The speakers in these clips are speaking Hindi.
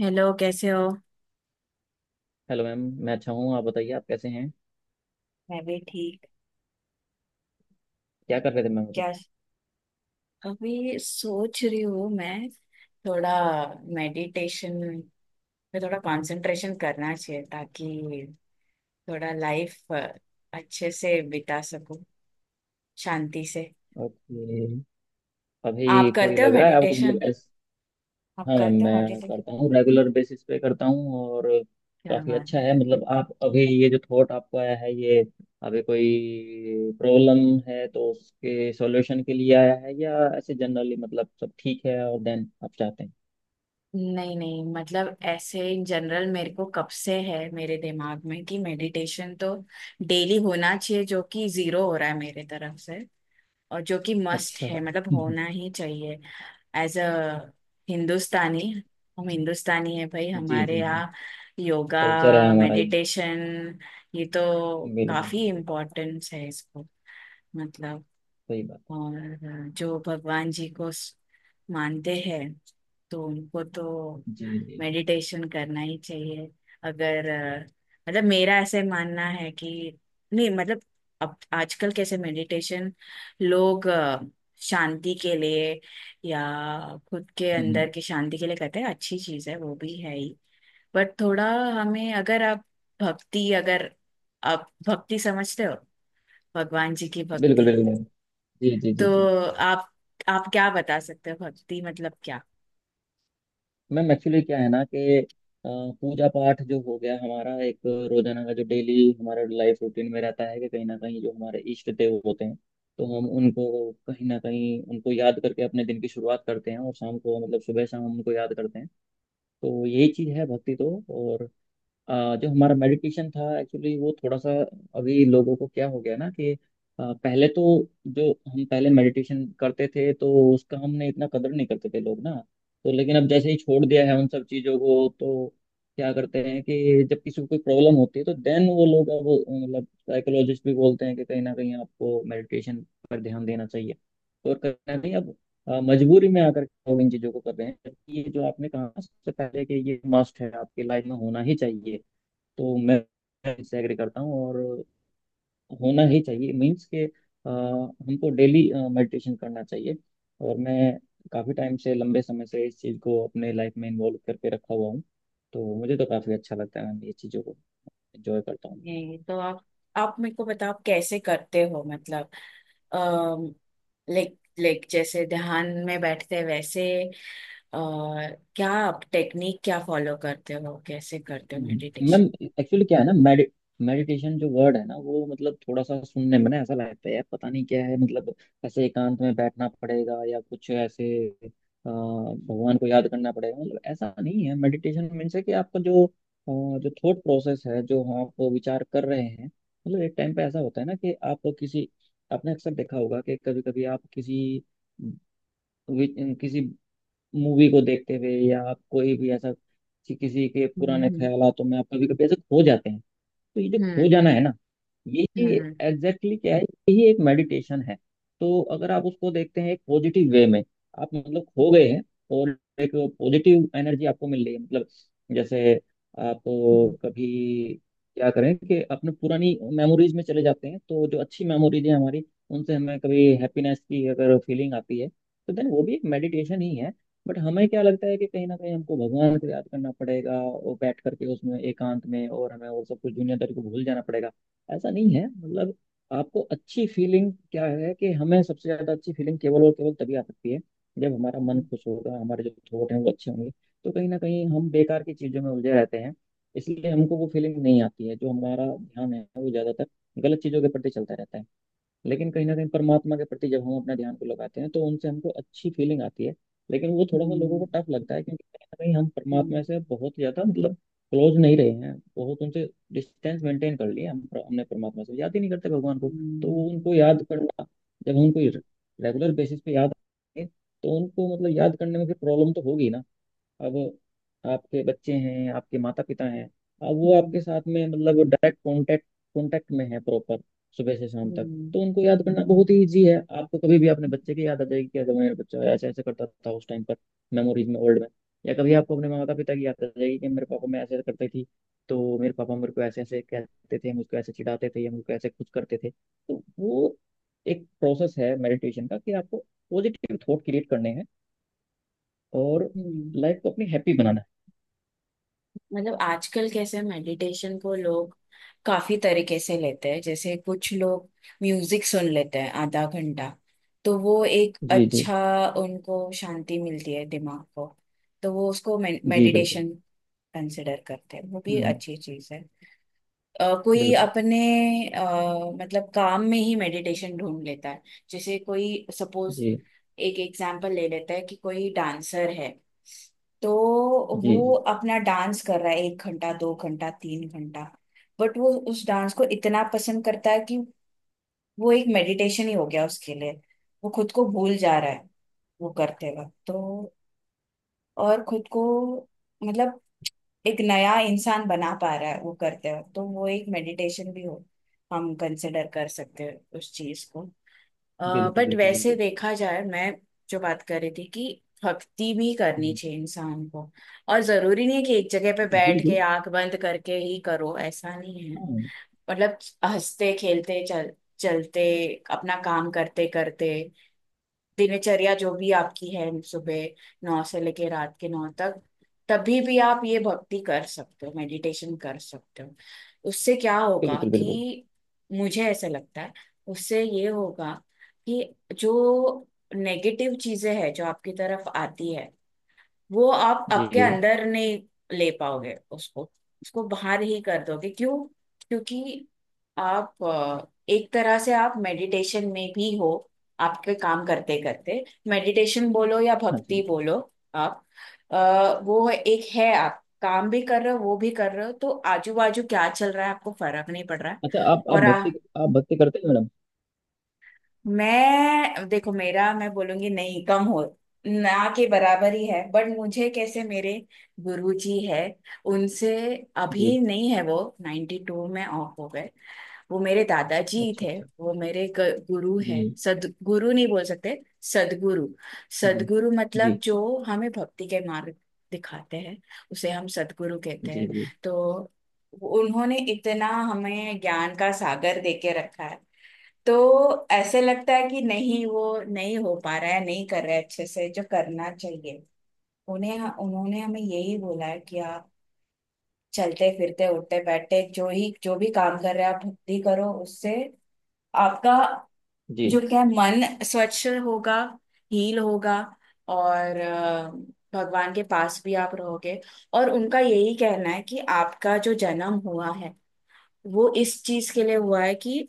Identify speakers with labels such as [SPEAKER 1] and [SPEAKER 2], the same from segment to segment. [SPEAKER 1] हेलो, कैसे हो।
[SPEAKER 2] Hello ma'am. मैं अच्छा हूँ, आप बताइए, आप कैसे हैं?
[SPEAKER 1] मैं भी ठीक।
[SPEAKER 2] क्या कर रहे थे मैम अभी?
[SPEAKER 1] क्या? अभी सोच रही हूँ मैं। थोड़ा मेडिटेशन पे थोड़ा कंसंट्रेशन करना चाहिए ताकि थोड़ा लाइफ अच्छे से बिता सकूं, शांति से।
[SPEAKER 2] ओके। अभी
[SPEAKER 1] आप
[SPEAKER 2] कोई
[SPEAKER 1] करते हो
[SPEAKER 2] लग रहा है आपको, मतलब
[SPEAKER 1] मेडिटेशन?
[SPEAKER 2] एस
[SPEAKER 1] आप
[SPEAKER 2] हाँ मैम,
[SPEAKER 1] करते हो
[SPEAKER 2] मैं
[SPEAKER 1] मेडिटेशन?
[SPEAKER 2] करता हूँ, रेगुलर बेसिस पे करता हूँ। और
[SPEAKER 1] क्या
[SPEAKER 2] काफ़ी
[SPEAKER 1] बात
[SPEAKER 2] अच्छा
[SPEAKER 1] है।
[SPEAKER 2] है, मतलब आप अभी ये जो थॉट आपको आया है, ये अभी कोई प्रॉब्लम है तो उसके सॉल्यूशन के लिए आया है, या ऐसे जनरली मतलब सब ठीक है और देन आप चाहते हैं?
[SPEAKER 1] नहीं नहीं, मतलब ऐसे इन जनरल मेरे को कब से है मेरे दिमाग में कि मेडिटेशन तो डेली होना चाहिए, जो कि जीरो हो रहा है मेरे तरफ से। और जो कि मस्ट
[SPEAKER 2] अच्छा।
[SPEAKER 1] है, मतलब होना ही चाहिए। एज अ हिंदुस्तानी, हम हिंदुस्तानी है भाई,
[SPEAKER 2] जी
[SPEAKER 1] हमारे
[SPEAKER 2] जी जी।
[SPEAKER 1] यहाँ योगा,
[SPEAKER 2] कल्चर है हमारा ये।
[SPEAKER 1] मेडिटेशन, ये तो
[SPEAKER 2] बिल्कुल
[SPEAKER 1] काफी
[SPEAKER 2] बिल्कुल।
[SPEAKER 1] इम्पोर्टेंस है इसको। मतलब
[SPEAKER 2] सही बात है।
[SPEAKER 1] और जो भगवान जी को मानते हैं, तो उनको तो
[SPEAKER 2] जी जी।
[SPEAKER 1] मेडिटेशन करना ही चाहिए। अगर अ, मतलब मेरा ऐसे मानना है कि नहीं, मतलब अब आजकल कैसे मेडिटेशन लोग शांति के लिए या खुद के
[SPEAKER 2] हम्म।
[SPEAKER 1] अंदर की शांति के लिए करते हैं, अच्छी चीज है, वो भी है ही। बट थोड़ा हमें, अगर आप भक्ति, अगर आप भक्ति समझते हो, भगवान जी की
[SPEAKER 2] बिल्कुल
[SPEAKER 1] भक्ति,
[SPEAKER 2] बिल्कुल। जी जी जी
[SPEAKER 1] तो
[SPEAKER 2] जी।
[SPEAKER 1] आप आप क्या बता सकते हो भक्ति मतलब क्या?
[SPEAKER 2] मैम, एक्चुअली क्या है ना कि अ, पूजा पाठ जो हो गया हमारा, एक रोजाना का जो डेली हमारा लाइफ रूटीन में रहता है कि कहीं ना कहीं जो हमारे इष्ट देव होते हैं, तो हम उनको कहीं ना कहीं उनको याद करके अपने दिन की शुरुआत करते हैं और शाम को, मतलब सुबह शाम हम उनको याद करते हैं। तो यही चीज़ है भक्ति। तो और जो हमारा मेडिटेशन था एक्चुअली, वो थोड़ा सा अभी लोगों को क्या हो गया ना कि पहले तो जो हम पहले मेडिटेशन करते थे तो उसका हमने इतना कदर नहीं करते थे लोग ना, तो लेकिन अब जैसे ही छोड़ दिया है उन सब चीज़ों को तो क्या करते हैं कि जब किसी को कोई प्रॉब्लम होती है तो देन वो लोग अब, मतलब साइकोलॉजिस्ट भी बोलते हैं कि कहीं ना कहीं आपको मेडिटेशन पर ध्यान देना चाहिए, तो और कहीं ना कहीं अब मजबूरी में आकर के लोग इन चीज़ों को कर रहे हैं, जबकि ये जो आपने कहा ना सबसे पहले कि ये मस्ट है, आपकी लाइफ में होना ही चाहिए। तो मैं इससे एग्री करता हूँ, और होना ही चाहिए, मीन्स के हमको डेली मेडिटेशन करना चाहिए। और मैं काफ़ी टाइम से, लंबे समय से इस चीज़ को अपने लाइफ में इन्वॉल्व करके रखा हुआ हूँ, तो मुझे तो काफ़ी अच्छा लगता है, मैं ये चीज़ों को एंजॉय करता हूँ।
[SPEAKER 1] ये तो आप मेरे को बताओ, आप कैसे करते हो, मतलब लाइक लाइक जैसे ध्यान में बैठते हैं, वैसे, अ, क्या आप टेक्निक क्या फॉलो करते हो, कैसे करते हो
[SPEAKER 2] हम्म। Ma'am,
[SPEAKER 1] meditation?
[SPEAKER 2] एक्चुअली क्या है ना, मेडिटेशन जो वर्ड है ना वो, मतलब थोड़ा सा सुनने में ना ऐसा लगता है, यार पता नहीं क्या है, मतलब ऐसे एकांत में बैठना पड़ेगा या कुछ ऐसे भगवान को याद करना पड़ेगा। मतलब ऐसा नहीं है। मेडिटेशन मीन्स है कि आपका जो जो थॉट प्रोसेस है, जो आप विचार कर रहे हैं, मतलब एक टाइम पे ऐसा होता है ना कि आप किसी, आपने अक्सर देखा होगा कि कभी कभी आप किसी किसी मूवी को देखते हुए, या आप कोई भी ऐसा किसी के पुराने
[SPEAKER 1] हम्म।
[SPEAKER 2] ख्यालों में आप कभी कभी ऐसे खो जाते हैं। तो ये जो खो
[SPEAKER 1] हम्म।
[SPEAKER 2] जाना है ना, यही
[SPEAKER 1] हम्म।
[SPEAKER 2] एग्जैक्टली exactly क्या है, यही एक मेडिटेशन है। तो अगर आप उसको देखते हैं एक पॉजिटिव वे में, आप मतलब खो गए हैं, और एक पॉजिटिव एनर्जी आपको मिल रही है, मतलब जैसे आप
[SPEAKER 1] हम्म।
[SPEAKER 2] कभी क्या करें कि अपने पुरानी मेमोरीज में चले जाते हैं, तो जो अच्छी मेमोरीज है हमारी, उनसे हमें कभी हैप्पीनेस की अगर फीलिंग आती है तो देन वो भी एक मेडिटेशन ही है। बट हमें क्या लगता है कि कहीं ना कहीं हमको भगवान को याद करना पड़ेगा और बैठ करके उसमें एकांत में, और हमें और सब कुछ दुनियादारी को भूल जाना पड़ेगा। ऐसा नहीं है, मतलब आपको अच्छी फीलिंग क्या है कि हमें सबसे ज्यादा अच्छी फीलिंग केवल और केवल तभी आ सकती है जब हमारा मन खुश होगा, हमारे जो थॉट हैं वो अच्छे होंगे। तो कहीं ना कहीं हम बेकार की चीजों में उलझे रहते हैं, इसलिए हमको वो फीलिंग नहीं आती है। जो हमारा ध्यान है वो ज्यादातर गलत चीजों के प्रति चलता रहता है, लेकिन कहीं ना कहीं परमात्मा के प्रति जब हम अपना ध्यान को लगाते हैं तो उनसे हमको अच्छी फीलिंग आती है। लेकिन वो थोड़ा सा लोगों को
[SPEAKER 1] हम्म।
[SPEAKER 2] टफ लगता है, क्योंकि कहीं ना कहीं हम परमात्मा
[SPEAKER 1] हम्म।
[SPEAKER 2] से बहुत ज्यादा, मतलब क्लोज नहीं रहे हैं, बहुत उनसे डिस्टेंस मेंटेन कर लिया हम, हमने परमात्मा से, याद ही नहीं करते भगवान को। तो वो
[SPEAKER 1] हम्म।
[SPEAKER 2] उनको याद करना, जब उनको रेगुलर बेसिस पे याद आए, तो उनको मतलब याद करने में फिर प्रॉब्लम तो होगी ना। अब आपके बच्चे हैं, आपके माता पिता हैं, अब वो
[SPEAKER 1] हम्म। हम्म।
[SPEAKER 2] आपके साथ में, मतलब डायरेक्ट कांटेक्ट, में है प्रॉपर, सुबह से शाम तक,
[SPEAKER 1] हम्म।
[SPEAKER 2] तो उनको याद
[SPEAKER 1] हम्म।
[SPEAKER 2] करना बहुत ही ईजी है। आपको कभी भी अपने बच्चे की याद आ जाएगी कि अगर मेरा बच्चा ऐसे ऐसे करता था उस टाइम पर, मेमोरीज में, ओल्ड में, या कभी आपको अपने माता पिता की याद आ जाएगी कि मेरे पापा, मैं ऐसे ऐसे करती थी तो मेरे पापा मेरे को ऐसे ऐसे कहते थे, मुझको ऐसे चिढ़ाते थे या मुझको ऐसे खुश करते थे। तो वो एक प्रोसेस है मेडिटेशन का, कि आपको पॉजिटिव थॉट क्रिएट करने हैं, और
[SPEAKER 1] हम्म।
[SPEAKER 2] लाइफ को अपनी हैप्पी बनाना है।
[SPEAKER 1] मतलब आजकल कैसे मेडिटेशन को लोग काफी तरीके से लेते हैं। जैसे कुछ लोग म्यूजिक सुन लेते हैं आधा घंटा, तो वो एक
[SPEAKER 2] जी जी
[SPEAKER 1] अच्छा, उनको शांति मिलती है दिमाग को, तो वो उसको
[SPEAKER 2] जी। बिल्कुल।
[SPEAKER 1] मेडिटेशन कंसिडर करते हैं। वो भी
[SPEAKER 2] हम्म।
[SPEAKER 1] अच्छी चीज है। कोई
[SPEAKER 2] बिल्कुल।
[SPEAKER 1] अपने, अ, मतलब काम में ही मेडिटेशन ढूंढ लेता है। जैसे कोई सपोज
[SPEAKER 2] जी
[SPEAKER 1] एक एग्जांपल ले लेता है कि कोई डांसर है, तो
[SPEAKER 2] जी
[SPEAKER 1] वो
[SPEAKER 2] जी।
[SPEAKER 1] अपना डांस कर रहा है एक घंटा, दो घंटा, तीन घंटा, बट वो उस डांस को इतना पसंद करता है कि वो एक मेडिटेशन ही हो गया उसके लिए। वो खुद को भूल जा रहा है वो करते वक्त, तो और खुद को, मतलब एक नया इंसान बना पा रहा है वो करते हो, तो वो एक मेडिटेशन भी हो, हम कंसिडर कर सकते हैं उस चीज को।
[SPEAKER 2] बिल्कुल
[SPEAKER 1] बट
[SPEAKER 2] बिल्कुल
[SPEAKER 1] वैसे
[SPEAKER 2] बिल्कुल।
[SPEAKER 1] देखा जाए, मैं जो बात कर रही थी कि भक्ति भी करनी
[SPEAKER 2] हम्म।
[SPEAKER 1] चाहिए इंसान को, और जरूरी नहीं है कि एक जगह पे बैठ के
[SPEAKER 2] बिल्कुल।
[SPEAKER 1] आंख बंद करके ही करो, ऐसा नहीं है।
[SPEAKER 2] हाँ।
[SPEAKER 1] मतलब हंसते खेलते चल चलते अपना काम करते करते, दिनचर्या जो भी आपकी है, सुबह 9 से लेके रात के 9 तक, तभी भी आप ये भक्ति कर सकते हो, मेडिटेशन कर सकते हो। उससे क्या होगा
[SPEAKER 2] बिल्कुल बिल्कुल।
[SPEAKER 1] कि, मुझे ऐसा लगता है, उससे ये होगा कि जो नेगेटिव चीजें हैं जो आपकी तरफ आती है, वो आप आपके
[SPEAKER 2] जी।
[SPEAKER 1] अंदर नहीं ले पाओगे उसको, उसको बाहर ही कर दोगे। क्यों? क्योंकि आप एक तरह से आप मेडिटेशन में भी हो आपके काम करते करते। मेडिटेशन बोलो या
[SPEAKER 2] हाँ
[SPEAKER 1] भक्ति
[SPEAKER 2] जी।
[SPEAKER 1] बोलो, आप वो एक है, आप काम भी कर रहे हो, वो भी कर रहे हो, तो आजू बाजू क्या चल रहा है आपको फर्क नहीं पड़ रहा है।
[SPEAKER 2] अच्छा,
[SPEAKER 1] और
[SPEAKER 2] आप भक्ति करते हैं मैडम?
[SPEAKER 1] मैं, देखो मेरा, मैं बोलूंगी नहीं कम हो, ना के बराबर ही है, बट मुझे, कैसे, मेरे गुरुजी है, उनसे, अभी
[SPEAKER 2] जी।
[SPEAKER 1] नहीं है वो, 92 में ऑफ हो गए। वो मेरे दादाजी
[SPEAKER 2] अच्छा
[SPEAKER 1] थे,
[SPEAKER 2] अच्छा।
[SPEAKER 1] वो मेरे गुरु
[SPEAKER 2] जी
[SPEAKER 1] है। सदगुरु, नहीं बोल सकते सदगुरु।
[SPEAKER 2] जी
[SPEAKER 1] सदगुरु मतलब
[SPEAKER 2] जी
[SPEAKER 1] जो हमें भक्ति के मार्ग दिखाते हैं, उसे हम सदगुरु कहते
[SPEAKER 2] जी
[SPEAKER 1] हैं।
[SPEAKER 2] जी
[SPEAKER 1] तो उन्होंने इतना हमें ज्ञान का सागर देके रखा है, तो ऐसे लगता है कि नहीं, वो नहीं हो पा रहा है, नहीं कर रहा है अच्छे से जो करना चाहिए। उन्हें, उन्होंने हमें यही बोला है कि आप चलते फिरते उठते बैठते जो ही, जो भी काम कर रहे हैं, आप भक्ति करो, उससे आपका
[SPEAKER 2] जी।
[SPEAKER 1] जो क्या है, मन स्वच्छ होगा, हील होगा, और भगवान के पास भी आप रहोगे। और उनका यही कहना है कि आपका जो जन्म हुआ है, वो इस चीज के लिए हुआ है कि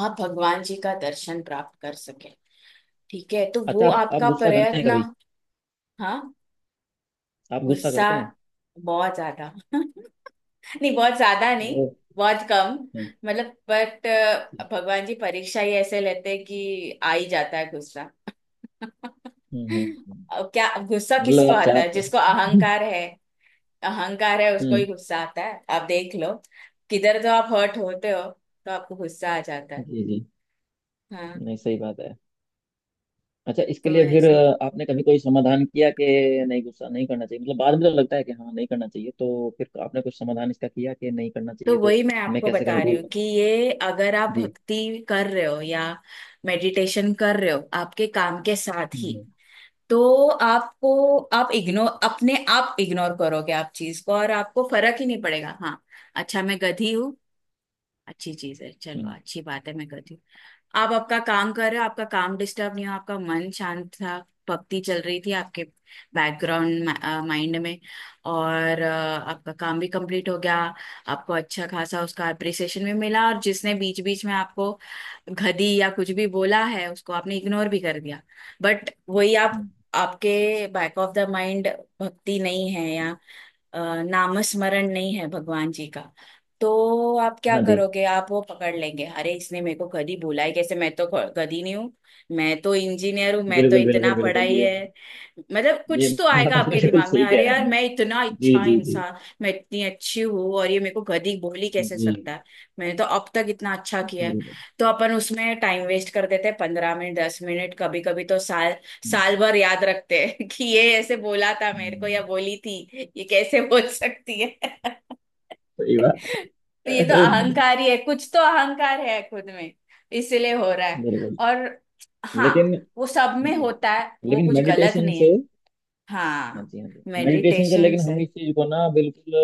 [SPEAKER 1] आप भगवान जी का दर्शन प्राप्त कर सके। ठीक है, तो वो
[SPEAKER 2] अच्छा, आप
[SPEAKER 1] आपका
[SPEAKER 2] गुस्सा करते हैं
[SPEAKER 1] प्रयत्न।
[SPEAKER 2] कभी?
[SPEAKER 1] हाँ।
[SPEAKER 2] आप गुस्सा
[SPEAKER 1] गुस्सा?
[SPEAKER 2] करते हैं?
[SPEAKER 1] बहुत ज्यादा नहीं, बहुत ज्यादा नहीं,
[SPEAKER 2] ओ।
[SPEAKER 1] बहुत कम।
[SPEAKER 2] हाँ।
[SPEAKER 1] मतलब बट
[SPEAKER 2] हम्म
[SPEAKER 1] भगवान जी परीक्षा ही ऐसे लेते हैं कि आ ही जाता है गुस्सा
[SPEAKER 2] हम्म। हम्म।
[SPEAKER 1] अब क्या, गुस्सा
[SPEAKER 2] मतलब
[SPEAKER 1] किसको
[SPEAKER 2] आप
[SPEAKER 1] आता है?
[SPEAKER 2] चाहते
[SPEAKER 1] जिसको
[SPEAKER 2] हैं?
[SPEAKER 1] अहंकार है। अहंकार है उसको ही
[SPEAKER 2] हम्म।
[SPEAKER 1] गुस्सा आता है, आप देख लो। किधर तो आप हर्ट होते हो, तो आपको गुस्सा आ जाता है।
[SPEAKER 2] जी जी।
[SPEAKER 1] हाँ।
[SPEAKER 2] नहीं, सही बात है। अच्छा, इसके
[SPEAKER 1] तो
[SPEAKER 2] लिए फिर
[SPEAKER 1] ऐसा,
[SPEAKER 2] आपने कभी कोई समाधान किया कि नहीं, गुस्सा नहीं करना चाहिए, मतलब बाद में तो लगता है कि हाँ नहीं करना चाहिए, तो फिर आपने कुछ समाधान इसका किया कि नहीं करना
[SPEAKER 1] तो
[SPEAKER 2] चाहिए, तो
[SPEAKER 1] वही मैं
[SPEAKER 2] मैं
[SPEAKER 1] आपको
[SPEAKER 2] कैसे
[SPEAKER 1] बता रही
[SPEAKER 2] कंट्रोल
[SPEAKER 1] हूँ
[SPEAKER 2] करूँ?
[SPEAKER 1] कि ये अगर आप
[SPEAKER 2] जी।
[SPEAKER 1] भक्ति कर रहे हो या मेडिटेशन कर रहे हो आपके काम के साथ ही,
[SPEAKER 2] हम्म
[SPEAKER 1] तो आपको, आप इग्नोर, अपने आप इग्नोर करोगे आप चीज को, और आपको फर्क ही नहीं पड़ेगा। हाँ, अच्छा, मैं गधी हूँ, अच्छी चीज है, चलो
[SPEAKER 2] हम्म।
[SPEAKER 1] अच्छी बात है, मैं गधी हूँ। आप आपका काम कर रहे हो, आपका काम डिस्टर्ब नहीं हो, आपका मन शांत था, भक्ति चल रही थी आपके बैकग्राउंड माइंड में, और आपका काम भी कंप्लीट हो गया, आपको अच्छा खासा उसका अप्रिसिएशन भी मिला, और जिसने बीच बीच में आपको गधी या कुछ भी बोला है उसको आपने इग्नोर भी कर दिया। बट वही आप
[SPEAKER 2] हम्म।
[SPEAKER 1] आपके बैक ऑफ द माइंड भक्ति नहीं है, या नामस्मरण नहीं है भगवान जी का, तो आप क्या
[SPEAKER 2] हाँ जी।
[SPEAKER 1] करोगे, आप वो पकड़ लेंगे, अरे इसने मेरे को गधी बोला ही कैसे, मैं तो गधी नहीं हूँ, मैं तो इंजीनियर हूँ, मैं तो
[SPEAKER 2] बिल्कुल
[SPEAKER 1] इतना
[SPEAKER 2] बिल्कुल बिल्कुल,
[SPEAKER 1] पढ़ाई
[SPEAKER 2] ये
[SPEAKER 1] है।
[SPEAKER 2] बात,
[SPEAKER 1] मतलब
[SPEAKER 2] ये
[SPEAKER 1] कुछ तो
[SPEAKER 2] बात
[SPEAKER 1] आएगा
[SPEAKER 2] आप
[SPEAKER 1] आपके
[SPEAKER 2] बिल्कुल
[SPEAKER 1] दिमाग में,
[SPEAKER 2] सही
[SPEAKER 1] अरे
[SPEAKER 2] कह
[SPEAKER 1] यार,
[SPEAKER 2] रहे हैं।
[SPEAKER 1] मैं इतना
[SPEAKER 2] जी
[SPEAKER 1] अच्छा
[SPEAKER 2] जी जी
[SPEAKER 1] इंसान, मैं इतनी अच्छी हूँ, और ये मेरे को गधी बोल ही कैसे
[SPEAKER 2] जी।
[SPEAKER 1] सकता है, मैंने तो अब तक इतना अच्छा किया है।
[SPEAKER 2] बिल्कुल।
[SPEAKER 1] तो अपन उसमें टाइम वेस्ट कर देते हैं, 15 मिनट, 10 मिनट, कभी कभी तो साल, साल
[SPEAKER 2] हम्म।
[SPEAKER 1] भर याद रखते हैं कि ये ऐसे बोला था मेरे को, या
[SPEAKER 2] हम्म।
[SPEAKER 1] बोली थी, ये कैसे बोल सकती है
[SPEAKER 2] सही बात।
[SPEAKER 1] तो ये तो अहंकार ही है, कुछ तो अहंकार है खुद में, इसलिए हो रहा है।
[SPEAKER 2] बिल्कुल।
[SPEAKER 1] और हाँ,
[SPEAKER 2] लेकिन,
[SPEAKER 1] वो सब में
[SPEAKER 2] जी,
[SPEAKER 1] होता है, वो
[SPEAKER 2] लेकिन
[SPEAKER 1] कुछ गलत
[SPEAKER 2] मेडिटेशन
[SPEAKER 1] नहीं है।
[SPEAKER 2] से, हाँ
[SPEAKER 1] हाँ,
[SPEAKER 2] जी, हाँ जी, मेडिटेशन से
[SPEAKER 1] मेडिटेशन।
[SPEAKER 2] लेकिन हम इस चीज को ना बिल्कुल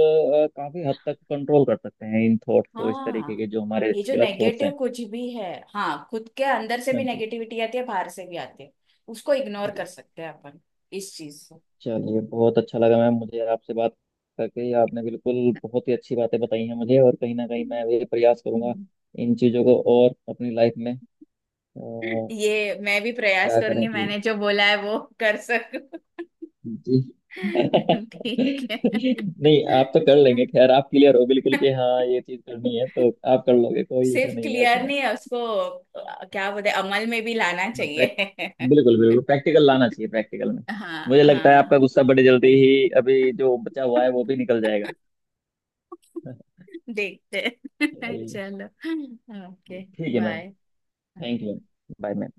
[SPEAKER 2] काफी हद तक कंट्रोल कर सकते हैं, इन थॉट्स को, इस तरीके
[SPEAKER 1] हाँ,
[SPEAKER 2] के जो हमारे
[SPEAKER 1] ये जो
[SPEAKER 2] गलत थॉट्स हैं।
[SPEAKER 1] नेगेटिव कुछ भी है, हाँ, खुद के अंदर से
[SPEAKER 2] हाँ
[SPEAKER 1] भी
[SPEAKER 2] जी।
[SPEAKER 1] नेगेटिविटी आती है, बाहर से भी आती है, उसको इग्नोर
[SPEAKER 2] हाँ जी।
[SPEAKER 1] कर सकते हैं अपन इस चीज से।
[SPEAKER 2] चलिए, बहुत अच्छा लगा मैम मुझे आपसे बात करके, आपने बिल्कुल बहुत ही अच्छी बातें बताई हैं मुझे, और कहीं ना कहीं
[SPEAKER 1] हम्म।
[SPEAKER 2] मैं भी प्रयास करूंगा इन चीजों को, और अपनी लाइफ में
[SPEAKER 1] ये मैं भी प्रयास
[SPEAKER 2] क्या करें
[SPEAKER 1] करूंगी,
[SPEAKER 2] कि,
[SPEAKER 1] मैंने जो बोला है वो कर सकूं
[SPEAKER 2] जी।
[SPEAKER 1] ठीक है।
[SPEAKER 2] नहीं, आप तो कर लेंगे, खैर आप क्लियर हो बिल्कुल कि हाँ ये चीज करनी है, तो आप कर लोगे, कोई इशू
[SPEAKER 1] सिर्फ
[SPEAKER 2] नहीं है
[SPEAKER 1] क्लियर
[SPEAKER 2] उसमें।
[SPEAKER 1] नहीं है उसको, क्या बोलते हैं, अमल में भी लाना
[SPEAKER 2] हाँ,
[SPEAKER 1] चाहिए
[SPEAKER 2] बिल्कुल बिल्कुल, प्रैक्टिकल लाना चाहिए, प्रैक्टिकल में।
[SPEAKER 1] हाँ
[SPEAKER 2] मुझे लगता है आपका
[SPEAKER 1] हाँ,
[SPEAKER 2] गुस्सा बड़ी जल्दी ही, अभी जो बचा हुआ है वो भी निकल जाएगा।
[SPEAKER 1] देखते हैं
[SPEAKER 2] चलिए,
[SPEAKER 1] चलो, ओके,
[SPEAKER 2] ठीक है ma'am.
[SPEAKER 1] Bye.
[SPEAKER 2] Thank you. Bye ma'am.